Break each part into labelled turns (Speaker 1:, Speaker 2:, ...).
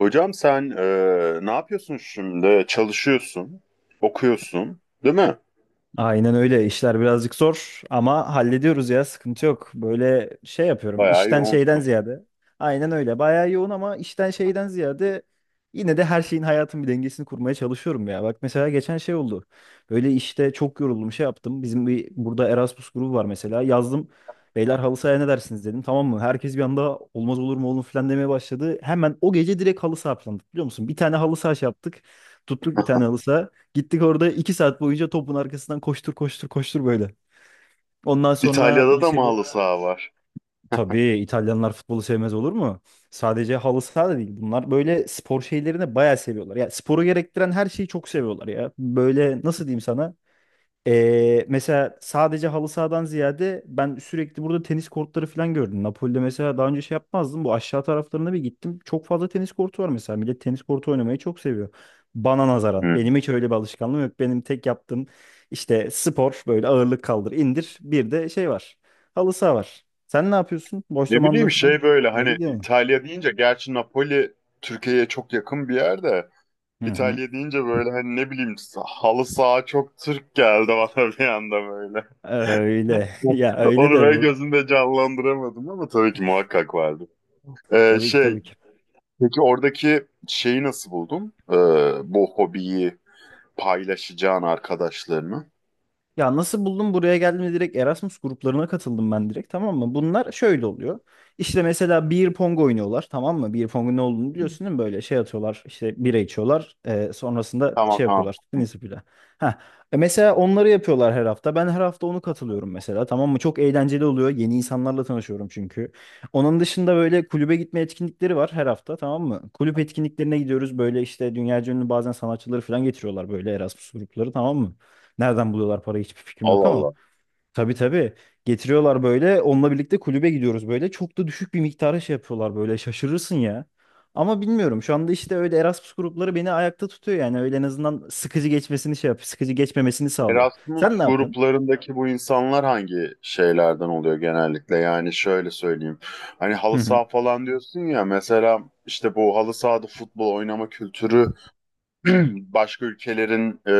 Speaker 1: Hocam sen ne yapıyorsun şimdi? Çalışıyorsun, okuyorsun, değil mi?
Speaker 2: Aynen öyle. İşler birazcık zor ama hallediyoruz ya. Sıkıntı yok. Böyle şey yapıyorum.
Speaker 1: Bayağı
Speaker 2: İşten şeyden
Speaker 1: yoğunsun.
Speaker 2: ziyade. Aynen öyle. Bayağı yoğun ama işten şeyden ziyade yine de her şeyin hayatın bir dengesini kurmaya çalışıyorum ya. Bak mesela geçen şey oldu. Böyle işte çok yoruldum şey yaptım. Bizim bir burada Erasmus grubu var mesela. Yazdım. Beyler halı sahaya ne dersiniz dedim. Tamam mı? Herkes bir anda olmaz olur mu oğlum falan demeye başladı. Hemen o gece direkt halı saha planladık biliyor musun? Bir tane halı saha şey yaptık. Tuttuk bir tane halı saha. Gittik orada 2 saat boyunca topun arkasından koştur koştur koştur böyle. Ondan sonra
Speaker 1: İtalya'da da mı
Speaker 2: dışarı...
Speaker 1: halı saha var?
Speaker 2: Tabii İtalyanlar futbolu sevmez olur mu? Sadece halı saha da değil. Bunlar böyle spor şeylerini bayağı seviyorlar. Ya sporu gerektiren her şeyi çok seviyorlar ya. Böyle nasıl diyeyim sana? Mesela sadece halı sahadan ziyade ben sürekli burada tenis kortları falan gördüm. Napoli'de mesela daha önce şey yapmazdım. Bu aşağı taraflarına bir gittim. Çok fazla tenis kortu var mesela. Millet tenis kortu oynamayı çok seviyor. Bana nazaran.
Speaker 1: Hı.
Speaker 2: Benim hiç öyle bir alışkanlığım yok. Benim tek yaptığım işte spor böyle ağırlık kaldır indir. Bir de şey var. Halı saha var. Sen ne yapıyorsun? Boş
Speaker 1: Ne
Speaker 2: zamanında
Speaker 1: bileyim
Speaker 2: falan.
Speaker 1: şey böyle
Speaker 2: Ne
Speaker 1: hani
Speaker 2: gidiyorsun?
Speaker 1: İtalya deyince gerçi Napoli Türkiye'ye çok yakın bir yer de
Speaker 2: Hı hı.
Speaker 1: İtalya deyince böyle hani ne bileyim halı saha çok Türk geldi bana bir anda böyle.
Speaker 2: Öyle. Ya öyle
Speaker 1: Onu
Speaker 2: de
Speaker 1: böyle
Speaker 2: bu.
Speaker 1: gözümde canlandıramadım ama tabii ki muhakkak vardı. Ee,
Speaker 2: Tabii ki,
Speaker 1: şey,
Speaker 2: tabii ki.
Speaker 1: peki oradaki şeyi nasıl buldun? Bu hobiyi, paylaşacağın arkadaşlarını.
Speaker 2: Ya nasıl buldum buraya geldim direkt Erasmus gruplarına katıldım ben direkt tamam mı? Bunlar şöyle oluyor. İşte mesela beer pong oynuyorlar tamam mı? Beer pong'un ne olduğunu biliyorsun değil mi? Böyle şey atıyorlar işte bira içiyorlar. Sonrasında
Speaker 1: Tamam
Speaker 2: şey
Speaker 1: tamam.
Speaker 2: yapıyorlar tenis ipüyle. Ha. E mesela onları yapıyorlar her hafta. Ben her hafta onu katılıyorum mesela tamam mı? Çok eğlenceli oluyor. Yeni insanlarla tanışıyorum çünkü. Onun dışında böyle kulübe gitme etkinlikleri var her hafta tamam mı? Kulüp etkinliklerine gidiyoruz. Böyle işte dünyaca ünlü bazen sanatçıları falan getiriyorlar böyle Erasmus grupları tamam mı? Nereden buluyorlar parayı hiçbir fikrim yok
Speaker 1: Allah
Speaker 2: ama.
Speaker 1: Allah.
Speaker 2: Tabii tabii. Getiriyorlar böyle. Onunla birlikte kulübe gidiyoruz böyle. Çok da düşük bir miktara şey yapıyorlar böyle. Şaşırırsın ya. Ama bilmiyorum. Şu anda işte öyle Erasmus grupları beni ayakta tutuyor yani. Öyle en azından sıkıcı geçmesini şey yapıyor. Sıkıcı geçmemesini sağlıyor.
Speaker 1: Erasmus
Speaker 2: Sen ne yapıyorsun?
Speaker 1: gruplarındaki bu insanlar hangi şeylerden oluyor genellikle? Yani şöyle söyleyeyim. Hani
Speaker 2: Hı
Speaker 1: halı
Speaker 2: hı.
Speaker 1: saha falan diyorsun ya mesela işte bu halı sahada futbol oynama kültürü başka ülkelerin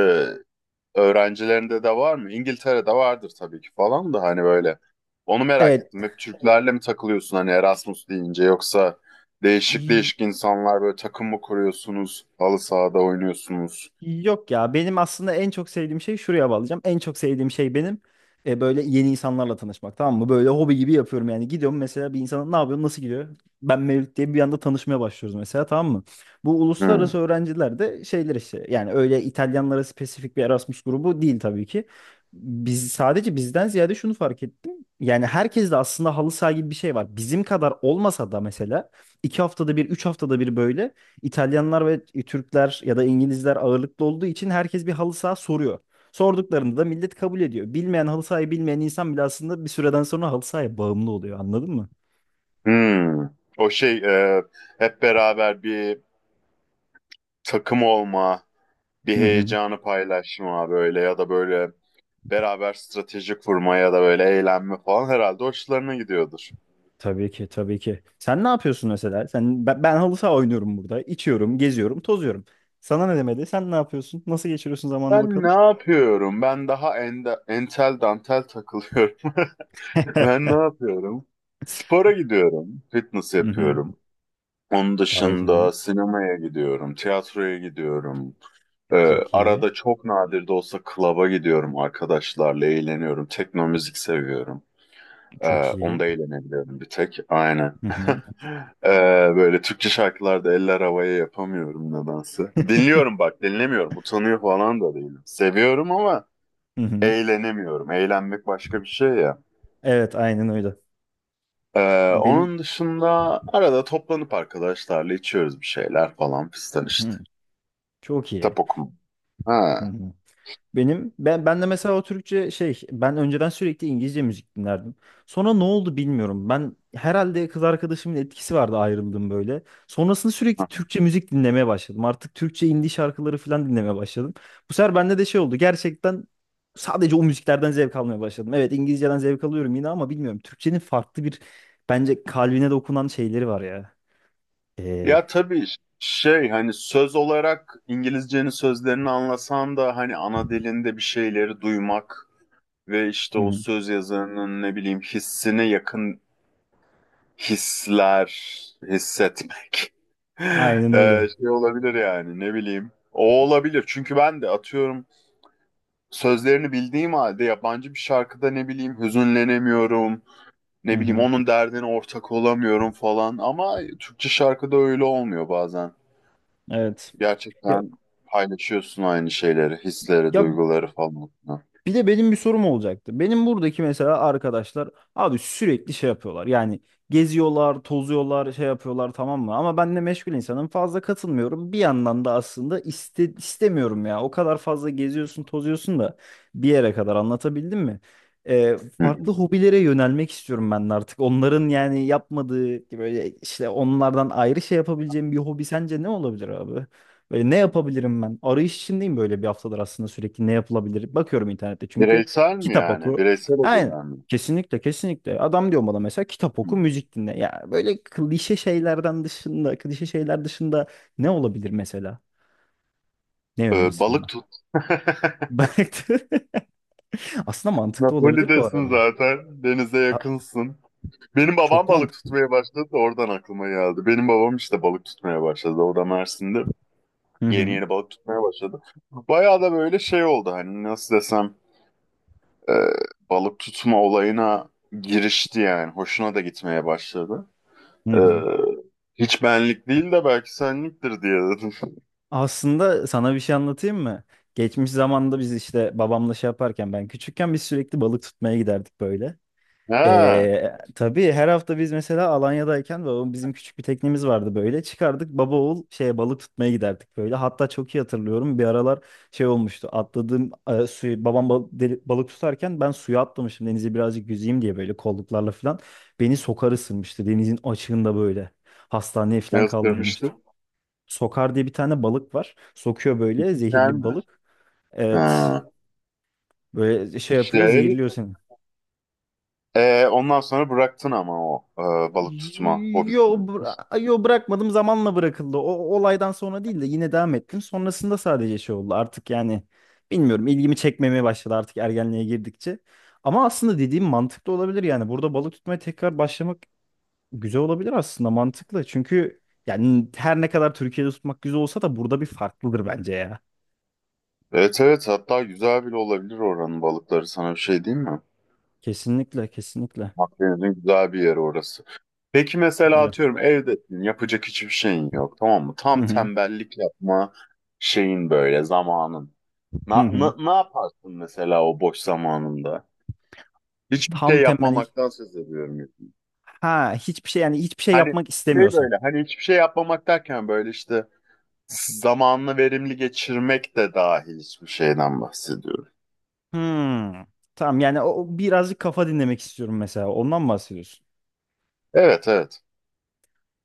Speaker 1: öğrencilerinde de var mı? İngiltere'de vardır tabii ki falan da hani böyle. Onu merak
Speaker 2: Evet.
Speaker 1: ettim. Hep Türklerle mi takılıyorsun hani Erasmus deyince yoksa değişik değişik insanlar böyle takım mı kuruyorsunuz? Halı sahada oynuyorsunuz.
Speaker 2: Yok ya benim aslında en çok sevdiğim şey şuraya bağlayacağım. En çok sevdiğim şey benim böyle yeni insanlarla tanışmak tamam mı? Böyle hobi gibi yapıyorum yani. Gidiyorum mesela bir insana ne yapıyorsun nasıl gidiyor? Ben Mevlüt diye bir anda tanışmaya başlıyoruz mesela tamam mı? Bu
Speaker 1: Hmm.
Speaker 2: uluslararası öğrenciler de şeyler işte yani öyle İtalyanlara spesifik bir Erasmus grubu değil tabii ki. Biz sadece bizden ziyade şunu fark ettim. Yani herkes de aslında halı saha gibi bir şey var. Bizim kadar olmasa da mesela iki haftada bir, üç haftada bir böyle İtalyanlar ve Türkler ya da İngilizler ağırlıklı olduğu için herkes bir halı saha soruyor. Sorduklarında da millet kabul ediyor. Bilmeyen halı sahayı bilmeyen insan bile aslında bir süreden sonra halı sahaya bağımlı oluyor. Anladın mı?
Speaker 1: Hmm. O şey e, hep beraber bir takım olma, bir
Speaker 2: Hı hı.
Speaker 1: heyecanı paylaşma böyle ya da böyle beraber strateji kurma ya da böyle eğlenme falan herhalde hoşlarına gidiyordur.
Speaker 2: Tabii ki, tabii ki. Sen ne yapıyorsun mesela? Sen ben halı saha oynuyorum burada. İçiyorum, geziyorum, tozuyorum. Sana ne demedi? Sen ne yapıyorsun? Nasıl geçiriyorsun zamanını
Speaker 1: Ben
Speaker 2: bakalım?
Speaker 1: ne yapıyorum? Ben daha entel dantel takılıyorum. Ben ne yapıyorum? Spora gidiyorum. Fitness
Speaker 2: Hı hı.
Speaker 1: yapıyorum. Onun
Speaker 2: Gayet iyi.
Speaker 1: dışında sinemaya gidiyorum. Tiyatroya gidiyorum. Ee,
Speaker 2: Çok iyi.
Speaker 1: arada çok nadir de olsa klaba gidiyorum arkadaşlarla. Eğleniyorum. Tekno müzik seviyorum.
Speaker 2: Çok iyi.
Speaker 1: Onda eğlenebiliyorum bir tek. Aynen.
Speaker 2: Hı hı.
Speaker 1: Ee, böyle Türkçe şarkılarda eller havaya yapamıyorum nedense. Dinliyorum bak dinlemiyorum. Utanıyor falan da değilim. Seviyorum ama
Speaker 2: Hı hı.
Speaker 1: eğlenemiyorum. Eğlenmek başka bir şey ya.
Speaker 2: Evet, aynen öyle. Benim.
Speaker 1: Onun dışında arada toplanıp arkadaşlarla içiyoruz bir şeyler falan fistan işte.
Speaker 2: Hı. Çok
Speaker 1: Kitap
Speaker 2: iyi.
Speaker 1: okuma. Ha.
Speaker 2: Hı hı. Benim ben de mesela o Türkçe şey ben önceden sürekli İngilizce müzik dinlerdim. Sonra ne oldu bilmiyorum. Ben herhalde kız arkadaşımın etkisi vardı ayrıldım böyle. Sonrasında sürekli Türkçe müzik dinlemeye başladım. Artık Türkçe indie şarkıları falan dinlemeye başladım. Bu sefer bende de şey oldu. Gerçekten sadece o müziklerden zevk almaya başladım. Evet İngilizceden zevk alıyorum yine ama bilmiyorum. Türkçenin farklı bir bence kalbine dokunan şeyleri var ya. Ee,
Speaker 1: Ya tabii şey hani söz olarak İngilizcenin sözlerini anlasan da hani ana dilinde bir şeyleri duymak ve işte
Speaker 2: hı
Speaker 1: o
Speaker 2: hı.
Speaker 1: söz yazarının ne bileyim hissine yakın hisler hissetmek.
Speaker 2: Aynen öyle.
Speaker 1: Şey olabilir yani ne bileyim. O olabilir çünkü ben de atıyorum sözlerini bildiğim halde yabancı bir şarkıda ne bileyim hüzünlenemiyorum,
Speaker 2: Hı
Speaker 1: ne bileyim
Speaker 2: hı.
Speaker 1: onun derdine ortak olamıyorum falan ama Türkçe şarkıda öyle olmuyor bazen.
Speaker 2: Evet. Ya,
Speaker 1: Gerçekten paylaşıyorsun aynı şeyleri, hisleri,
Speaker 2: ya,
Speaker 1: duyguları falan. Hı
Speaker 2: bir de benim bir sorum olacaktı. Benim buradaki mesela arkadaşlar abi sürekli şey yapıyorlar. Yani geziyorlar, tozuyorlar, şey yapıyorlar tamam mı? Ama ben de meşgul insanım. Fazla katılmıyorum. Bir yandan da aslında istemiyorum ya. O kadar fazla geziyorsun, tozuyorsun da bir yere kadar anlatabildim mi? Ee,
Speaker 1: hı.
Speaker 2: Farklı hobilere yönelmek istiyorum ben de artık. Onların yani yapmadığı böyle işte onlardan ayrı şey yapabileceğim bir hobi sence ne olabilir abi? Böyle ne yapabilirim ben? Arayış içindeyim böyle bir haftadır aslında sürekli ne yapılabilir? Bakıyorum internette çünkü
Speaker 1: Bireysel mi
Speaker 2: kitap
Speaker 1: yani?
Speaker 2: oku.
Speaker 1: Bireysel
Speaker 2: Aynen.
Speaker 1: olarak mı?
Speaker 2: Kesinlikle kesinlikle. Adam diyor bana mesela kitap
Speaker 1: Hı.
Speaker 2: oku, müzik dinle. Ya böyle klişe şeylerden dışında, klişe şeyler dışında ne olabilir mesela? Ne önerirsin
Speaker 1: Balık
Speaker 2: bana?
Speaker 1: tut.
Speaker 2: Bak aslında mantıklı olabilir bu
Speaker 1: Napoli'desin
Speaker 2: arada.
Speaker 1: zaten. Denize
Speaker 2: A-
Speaker 1: yakınsın. Benim babam
Speaker 2: Çok
Speaker 1: balık
Speaker 2: mantıklı.
Speaker 1: tutmaya başladı. Da Oradan aklıma geldi. Benim babam işte balık tutmaya başladı. Orada Mersin'de.
Speaker 2: Hı
Speaker 1: Yeni
Speaker 2: hı.
Speaker 1: yeni balık tutmaya başladı. Bayağı da böyle şey oldu hani nasıl desem e, balık tutma olayına girişti yani. Hoşuna da gitmeye başladı.
Speaker 2: Hı
Speaker 1: E,
Speaker 2: hı.
Speaker 1: hiç benlik değil de belki senliktir diye dedim.
Speaker 2: Aslında sana bir şey anlatayım mı? Geçmiş zamanda biz işte babamla şey yaparken ben küçükken biz sürekli balık tutmaya giderdik böyle.
Speaker 1: Ha,
Speaker 2: Tabii her hafta biz mesela Alanya'dayken babam bizim küçük bir teknemiz vardı böyle. Çıkardık baba oğul şeye balık tutmaya giderdik böyle. Hatta çok iyi hatırlıyorum bir aralar şey olmuştu. Atladığım suyu babam balık tutarken ben suya atlamışım denize birazcık yüzeyim diye böyle kolluklarla falan. Beni sokar ısırmıştı denizin açığında böyle. Hastaneye
Speaker 1: ne
Speaker 2: falan kaldırılmıştı.
Speaker 1: istemiştim?
Speaker 2: Sokar diye bir tane balık var. Sokuyor böyle zehirli
Speaker 1: Sen
Speaker 2: bir
Speaker 1: mi?
Speaker 2: balık.
Speaker 1: Ha.
Speaker 2: Evet böyle şey yapıyor
Speaker 1: Şey,
Speaker 2: zehirliyor seni.
Speaker 1: ondan sonra bıraktın ama o balık tutma
Speaker 2: Yo,
Speaker 1: hobisini.
Speaker 2: yo bırakmadım zamanla bırakıldı. O o olaydan sonra değil de yine devam ettim. Sonrasında sadece şey oldu artık yani bilmiyorum ilgimi çekmemeye başladı artık ergenliğe girdikçe. Ama aslında dediğim mantıklı olabilir yani burada balık tutmaya tekrar başlamak güzel olabilir aslında mantıklı. Çünkü yani her ne kadar Türkiye'de tutmak güzel olsa da burada bir farklıdır bence ya.
Speaker 1: Evet, evet, hatta güzel bile olabilir oranın balıkları sana bir şey diyeyim mi?
Speaker 2: Kesinlikle kesinlikle
Speaker 1: Akdeniz'in güzel bir yeri orası. Peki mesela
Speaker 2: öyle.
Speaker 1: atıyorum evdesin yapacak hiçbir şeyin yok tamam mı? Tam
Speaker 2: Hı hı.
Speaker 1: tembellik yapma şeyin böyle zamanın.
Speaker 2: Hı hı.
Speaker 1: Ne yaparsın mesela o boş zamanında? Hiçbir şey
Speaker 2: Tam temelli
Speaker 1: yapmamaktan söz ediyorum. Yani.
Speaker 2: ha hiçbir şey yani hiçbir şey
Speaker 1: Hani
Speaker 2: yapmak
Speaker 1: şey
Speaker 2: istemiyorsam.
Speaker 1: böyle hani hiçbir şey yapmamak derken böyle işte zamanını verimli geçirmek de dahil hiçbir şeyden bahsediyorum.
Speaker 2: Hmm. Tamam yani o o birazcık kafa dinlemek istiyorum mesela. Ondan mı bahsediyorsun?
Speaker 1: Evet, evet.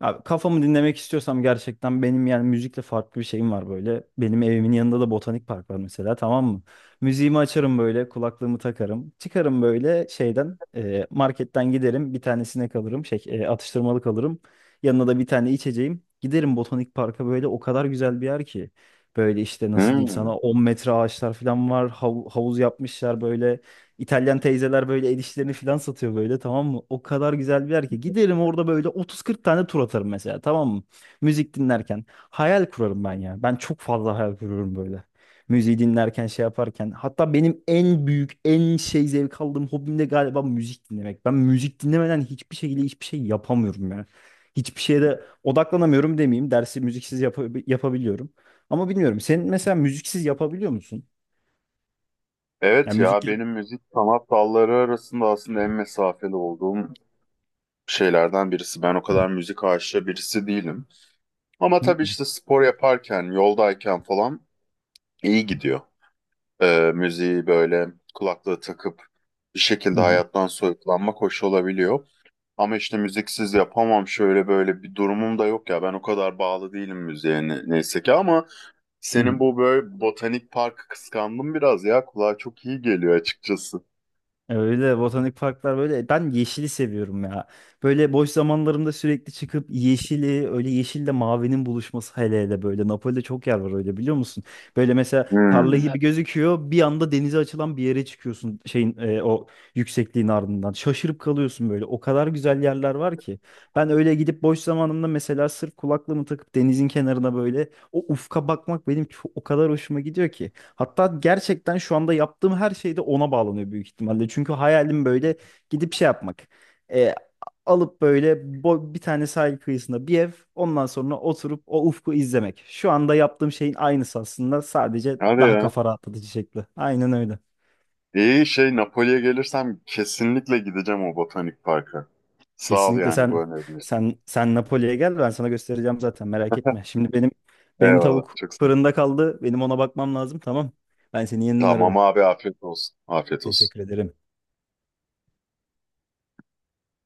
Speaker 2: Abi kafamı dinlemek istiyorsam gerçekten benim yani müzikle farklı bir şeyim var böyle. Benim evimin yanında da botanik park var mesela tamam mı? Müziğimi açarım böyle kulaklığımı takarım. Çıkarım böyle şeyden marketten giderim bir tanesine kalırım atıştırmalık alırım. Yanına da bir tane içeceğim. Giderim botanik parka böyle o kadar güzel bir yer ki. Böyle işte nasıl diyeyim
Speaker 1: Hmm.
Speaker 2: sana 10 metre ağaçlar falan var. Havuz yapmışlar böyle. İtalyan teyzeler böyle el işlerini falan satıyor böyle tamam mı? O kadar güzel bir yer ki. Giderim orada böyle 30-40 tane tur atarım mesela tamam mı? Müzik dinlerken. Hayal kurarım ben ya. Ben çok fazla hayal kuruyorum böyle. Müziği dinlerken şey yaparken. Hatta benim en büyük en şey zevk aldığım hobim de galiba müzik dinlemek. Ben müzik dinlemeden hiçbir şekilde hiçbir şey yapamıyorum ya. Hiçbir şeye de odaklanamıyorum demeyeyim. Dersi müziksiz yapabiliyorum. Ama bilmiyorum. Sen mesela müziksiz yapabiliyor musun?
Speaker 1: Evet
Speaker 2: Yani müzik...
Speaker 1: ya benim müzik sanat dalları arasında aslında en mesafeli olduğum şeylerden birisi. Ben o kadar müzik aşığı birisi değilim. Ama
Speaker 2: Hı
Speaker 1: tabii işte spor yaparken, yoldayken falan iyi gidiyor. Müziği böyle kulaklığı takıp bir şekilde
Speaker 2: hı hı.
Speaker 1: hayattan soyutlanmak hoş olabiliyor. Ama işte müziksiz yapamam şöyle böyle bir durumum da yok ya. Ben o kadar bağlı değilim müziğe neyse ki ama
Speaker 2: Hı.
Speaker 1: senin bu böyle botanik parkı kıskandım biraz ya. Kulağa çok iyi geliyor açıkçası.
Speaker 2: Öyle botanik parklar böyle ben yeşili seviyorum ya. Böyle boş zamanlarımda sürekli çıkıp yeşili öyle yeşille mavinin buluşması hele hele böyle Napoli'de çok yer var öyle biliyor musun? Böyle mesela tarla
Speaker 1: Hmm.
Speaker 2: gibi gözüküyor bir anda denize açılan bir yere çıkıyorsun o yüksekliğin ardından şaşırıp kalıyorsun böyle o kadar güzel yerler var ki. Ben öyle gidip boş zamanımda mesela sırf kulaklığımı takıp denizin kenarına böyle o ufka bakmak benim çok, o kadar hoşuma gidiyor ki. Hatta gerçekten şu anda yaptığım her şey de ona bağlanıyor büyük ihtimalle. Çünkü hayalim böyle gidip şey yapmak. E, Alıp böyle bir tane sahil kıyısında bir ev, ondan sonra oturup o ufku izlemek. Şu anda yaptığım şeyin aynısı aslında sadece
Speaker 1: Hadi
Speaker 2: daha
Speaker 1: ya.
Speaker 2: kafa rahatlatıcı şekli. Aynen öyle.
Speaker 1: İyi şey, Napoli'ye gelirsem kesinlikle gideceğim o botanik parka. Sağ ol
Speaker 2: Kesinlikle
Speaker 1: yani bu önerin için.
Speaker 2: sen Napoli'ye gel ben sana göstereceğim zaten merak etme. Şimdi benim
Speaker 1: Eyvallah.
Speaker 2: tavuk
Speaker 1: Çok sağ ol.
Speaker 2: fırında kaldı. Benim ona bakmam lazım tamam. Ben seni yeniden
Speaker 1: Tamam
Speaker 2: ararım.
Speaker 1: abi, afiyet olsun. Afiyet olsun.
Speaker 2: Teşekkür ederim.